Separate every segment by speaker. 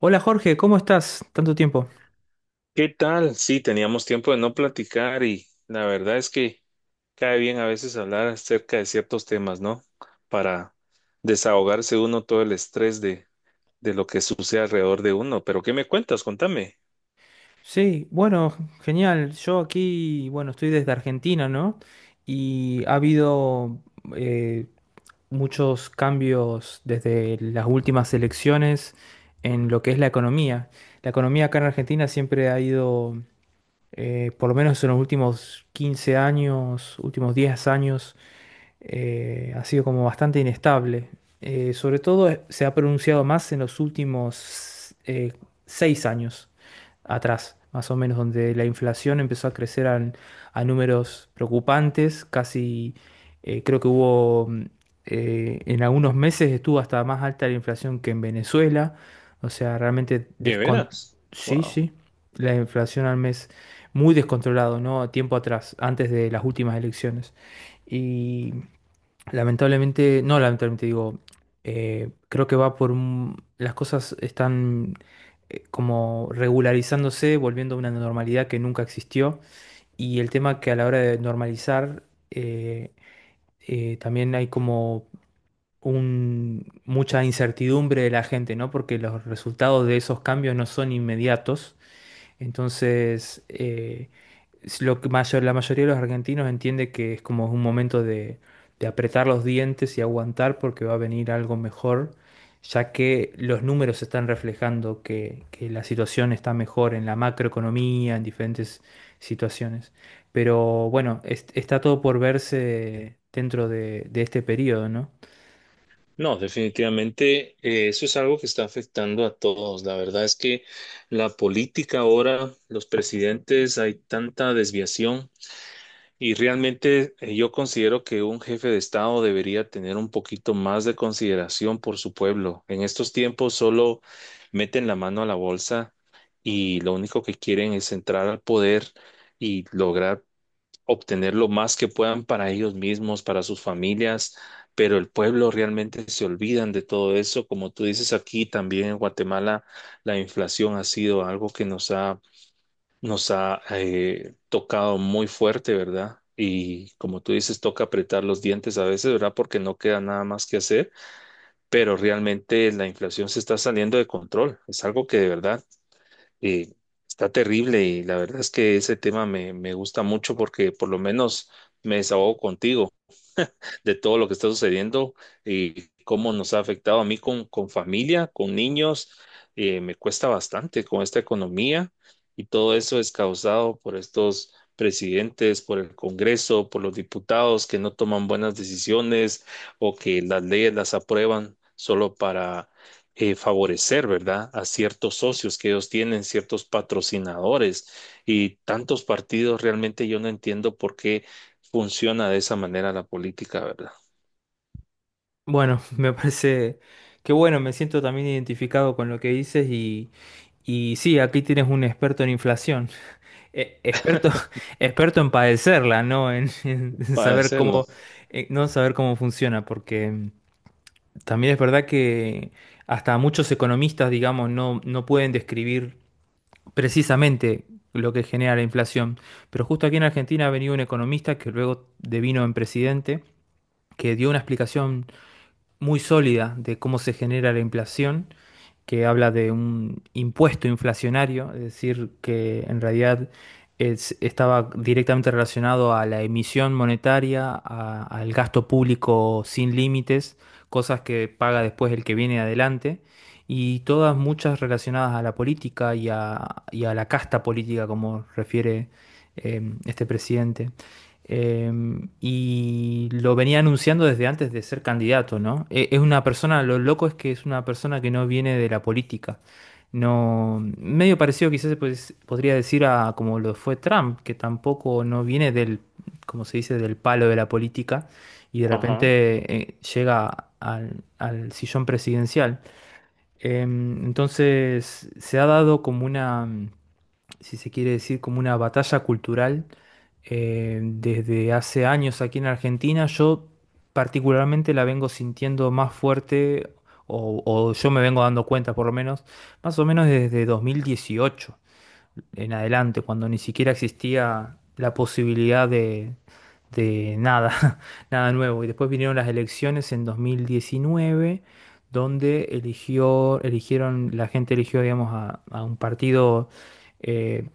Speaker 1: Hola Jorge, ¿cómo estás? Tanto tiempo.
Speaker 2: ¿Qué tal? Sí, teníamos tiempo de no platicar y la verdad es que cae bien a veces hablar acerca de ciertos temas, ¿no? Para desahogarse uno todo el estrés de lo que sucede alrededor de uno. Pero ¿qué me cuentas? Contame.
Speaker 1: Sí, bueno, genial. Yo aquí, bueno, estoy desde Argentina, ¿no? Y ha habido eh, muchos cambios desde las últimas elecciones en lo que es la economía. La economía acá en Argentina siempre ha ido por lo menos en los últimos 15 años, últimos 10 años, ha sido como bastante inestable. Sobre todo se ha pronunciado más en los últimos 6 años atrás, más o menos, donde la inflación empezó a números preocupantes, casi creo que hubo, en algunos meses estuvo hasta más alta la inflación que en Venezuela, o sea, realmente
Speaker 2: ¿De
Speaker 1: descon...
Speaker 2: veras?
Speaker 1: Sí,
Speaker 2: Wow.
Speaker 1: sí, la inflación al mes muy descontrolado, ¿no? Tiempo atrás, antes de las últimas elecciones. Y lamentablemente, no lamentablemente digo, creo que las cosas están como regularizándose, volviendo a una normalidad que nunca existió. Y el tema que a la hora de normalizar, eh, también hay como mucha incertidumbre de la gente, ¿no? Porque los resultados de esos cambios no son inmediatos, entonces, es lo que mayor, la mayoría de los argentinos entiende que es como un momento de apretar los dientes y aguantar porque va a venir algo mejor, ya que los números están reflejando que la situación está mejor en la macroeconomía, en diferentes situaciones. Pero bueno, está todo por verse dentro de este periodo, ¿no?
Speaker 2: No, definitivamente eso es algo que está afectando a todos. La verdad es que la política ahora, los presidentes, hay tanta desviación. Y realmente yo considero que un jefe de Estado debería tener un poquito más de consideración por su pueblo. En estos tiempos solo meten la mano a la bolsa y lo único que quieren es entrar al poder y lograr obtener lo más que puedan para ellos mismos, para sus familias, pero el pueblo realmente se olvidan de todo eso. Como tú dices, aquí también en Guatemala la inflación ha sido algo que nos ha tocado muy fuerte, ¿verdad? Y como tú dices, toca apretar los dientes a veces, ¿verdad? Porque no queda nada más que hacer, pero realmente la inflación se está saliendo de control. Es algo que de verdad eh, está terrible, y la verdad es que ese tema me gusta mucho porque por lo menos me desahogo contigo de todo lo que está sucediendo y cómo nos ha afectado a mí con familia, con niños. Me cuesta bastante con esta economía, y todo eso es causado por estos presidentes, por el Congreso, por los diputados que no toman buenas decisiones, o que las leyes las aprueban solo para favorecer, ¿verdad?, a ciertos socios que ellos tienen, ciertos patrocinadores y tantos partidos. Realmente yo no entiendo por qué funciona de esa manera la política, ¿verdad?
Speaker 1: Bueno, me parece que bueno, me siento también identificado con lo que dices. Y sí, aquí tienes un experto en inflación. Experto, experto en padecerla, ¿no? En, en
Speaker 2: Para
Speaker 1: saber
Speaker 2: decirlo.
Speaker 1: cómo, no saber cómo funciona, porque también es verdad que hasta muchos economistas, digamos, no, no pueden describir precisamente lo que genera la inflación. Pero justo aquí en Argentina ha venido un economista que luego devino en presidente, que dio una explicación muy sólida de cómo se genera la inflación, que habla de un impuesto inflacionario, es decir, que en realidad estaba directamente relacionado a la emisión monetaria, al gasto público sin límites, cosas que paga después el que viene adelante, y todas muchas relacionadas a la política y a la casta política, como refiere este presidente. Y lo venía anunciando desde antes de ser candidato, ¿no? Es una persona, lo loco es que es una persona que no viene de la política. No, medio parecido quizás pues, podría decir a como lo fue Trump, que tampoco no viene del, como se dice, del palo de la política, y de
Speaker 2: Ajá.
Speaker 1: repente llega al, al sillón presidencial. Entonces se ha dado como una, si se quiere decir, como una batalla cultural desde hace años aquí en Argentina. Yo particularmente la vengo sintiendo más fuerte, o yo me vengo dando cuenta por lo menos, más o menos desde 2018 en adelante, cuando ni siquiera existía la posibilidad de nada, nada nuevo. Y después vinieron las elecciones en 2019, donde eligió, eligieron, la gente eligió, digamos, a un partido eh,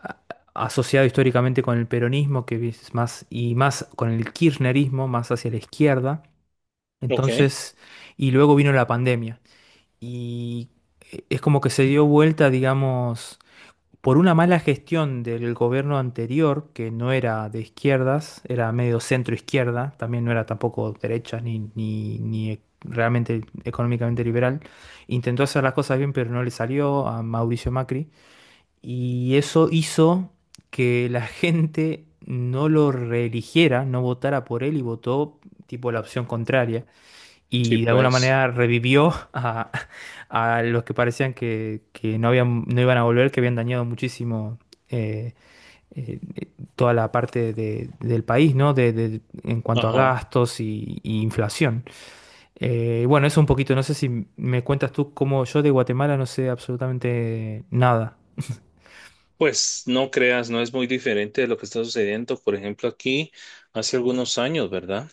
Speaker 1: a- asociado históricamente con el peronismo, que es más, y más con el kirchnerismo, más hacia la izquierda.
Speaker 2: Ok.
Speaker 1: Entonces, y luego vino la pandemia. Y es como que se dio vuelta, digamos, por una mala gestión del gobierno anterior, que no era de izquierdas, era medio centro izquierda, también no era tampoco derecha ni, ni, ni realmente económicamente liberal, intentó hacer las cosas bien, pero no le salió a Mauricio Macri, y eso hizo que la gente no lo reeligiera, no votara por él y votó tipo la opción contraria
Speaker 2: Sí,
Speaker 1: y de alguna
Speaker 2: pues.
Speaker 1: manera revivió a los que parecían que no habían, no iban a volver, que habían dañado muchísimo eh, eh, eh, toda la parte del país, ¿no? De, en cuanto a
Speaker 2: Ajá.
Speaker 1: gastos y inflación. Bueno, eso un poquito, no sé si me cuentas tú cómo, yo de Guatemala no sé absolutamente nada.
Speaker 2: Pues no creas, no es muy diferente de lo que está sucediendo. Por ejemplo, aquí hace algunos años, ¿verdad?,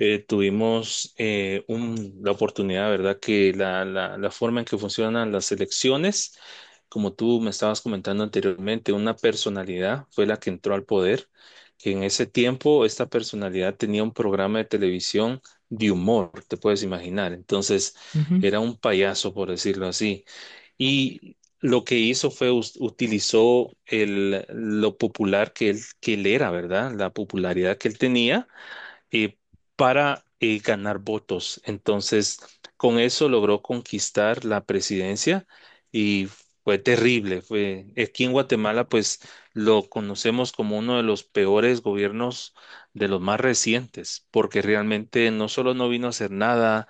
Speaker 2: tuvimos la oportunidad, ¿verdad?, que la forma en que funcionan las elecciones, como tú me estabas comentando anteriormente, una personalidad fue la que entró al poder, que en ese tiempo esta personalidad tenía un programa de televisión de humor, te puedes imaginar. Entonces,
Speaker 1: Ujú.
Speaker 2: era un payaso, por decirlo así. Y lo que hizo fue utilizó el, lo popular que él era, ¿verdad? La popularidad que él tenía, eh, para ganar votos. Entonces, con eso logró conquistar la presidencia, y fue terrible. Fue, aquí en Guatemala, pues lo conocemos como uno de los peores gobiernos de los más recientes, porque realmente no solo no vino a hacer nada,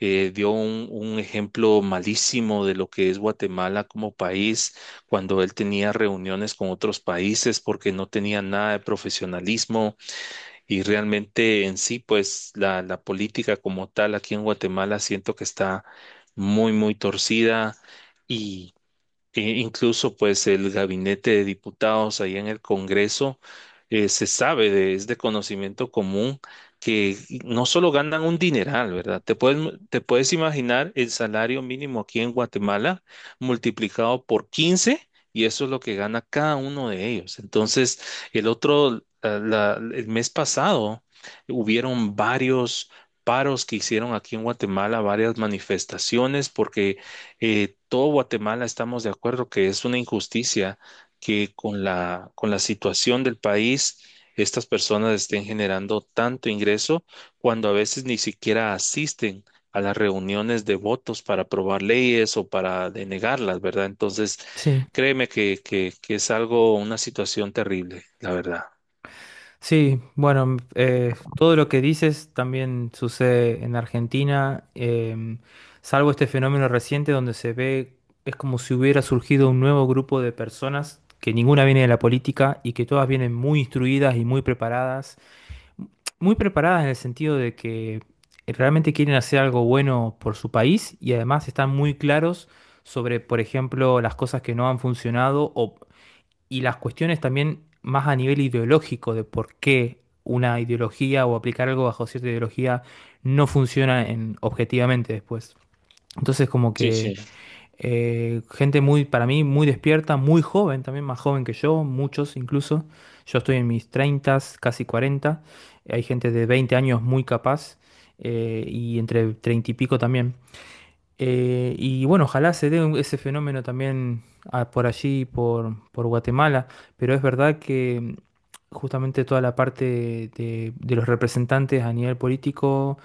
Speaker 2: dio un ejemplo malísimo de lo que es Guatemala como país, cuando él tenía reuniones con otros países, porque no tenía nada de profesionalismo. Y realmente en sí, pues la política como tal aquí en Guatemala siento que está muy, muy torcida, e incluso pues el gabinete de diputados ahí en el Congreso, se sabe es de conocimiento común que no solo ganan un dineral, ¿verdad? Te puedes imaginar el salario mínimo aquí en Guatemala multiplicado por 15, y eso es lo que gana cada uno de ellos. Entonces, el otro, la- la- el mes pasado hubieron varios paros que hicieron aquí en Guatemala, varias manifestaciones, porque todo Guatemala estamos de acuerdo que es una injusticia que con la situación del país estas personas estén generando tanto ingreso cuando a veces ni siquiera asisten a las reuniones de votos para aprobar leyes o para denegarlas, ¿verdad? Entonces,
Speaker 1: Sí.
Speaker 2: créeme que, es algo, una situación terrible, la verdad.
Speaker 1: Sí, bueno, todo lo que dices también sucede en Argentina, salvo este fenómeno reciente donde se ve, es como si hubiera surgido un nuevo grupo de personas que ninguna viene de la política y que todas vienen muy instruidas y muy preparadas en el sentido de que realmente quieren hacer algo bueno por su país y además están muy claros sobre, por ejemplo, las cosas que no han funcionado, o y las cuestiones también más a nivel ideológico de por qué una ideología o aplicar algo bajo cierta ideología no funciona en, objetivamente después. Entonces como
Speaker 2: Sí, sí.
Speaker 1: que gente muy, para mí, muy despierta, muy joven, también más joven que yo, muchos incluso. Yo estoy en mis 30, casi cuarenta. Hay gente de 20 años muy capaz, y entre 30 y pico también. Y bueno, ojalá se dé ese fenómeno también por allí, por Guatemala, pero es verdad que justamente toda la parte de los representantes a nivel político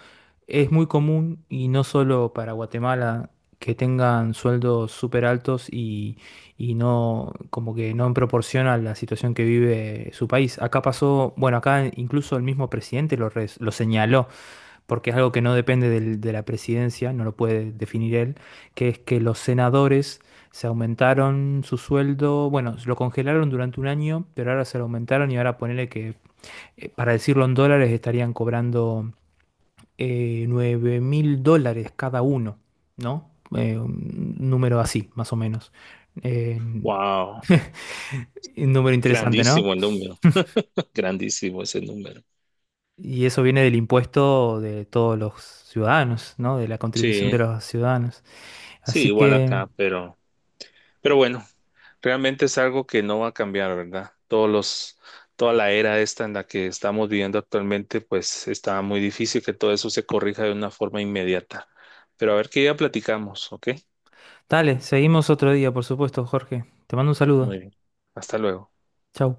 Speaker 1: es muy común, y no solo para Guatemala, que tengan sueldos súper altos y no, como que no en proporción a la situación que vive su país. Acá pasó, bueno, acá incluso el mismo presidente lo, lo señaló porque es algo que no depende de la presidencia, no lo puede definir él, que es que los senadores se aumentaron su sueldo, bueno, lo congelaron durante un año, pero ahora se lo aumentaron y ahora ponele que, para decirlo en dólares, estarían cobrando $9000 cada uno, ¿no? Un número así, más o menos. Un
Speaker 2: Wow.
Speaker 1: número interesante, ¿no?
Speaker 2: Grandísimo el número. Grandísimo ese número.
Speaker 1: Y eso viene del impuesto de todos los ciudadanos, ¿no? De la contribución de
Speaker 2: Sí,
Speaker 1: los ciudadanos.
Speaker 2: sí,
Speaker 1: Así
Speaker 2: igual
Speaker 1: que...
Speaker 2: acá, pero bueno. Realmente es algo que no va a cambiar, ¿verdad? Todos los, toda la era esta en la que estamos viviendo actualmente, pues está muy difícil que todo eso se corrija de una forma inmediata. Pero a ver qué día platicamos, ¿ok?
Speaker 1: Dale, seguimos otro día, por supuesto, Jorge. Te mando un saludo.
Speaker 2: Muy bien. Hasta luego.
Speaker 1: Chau.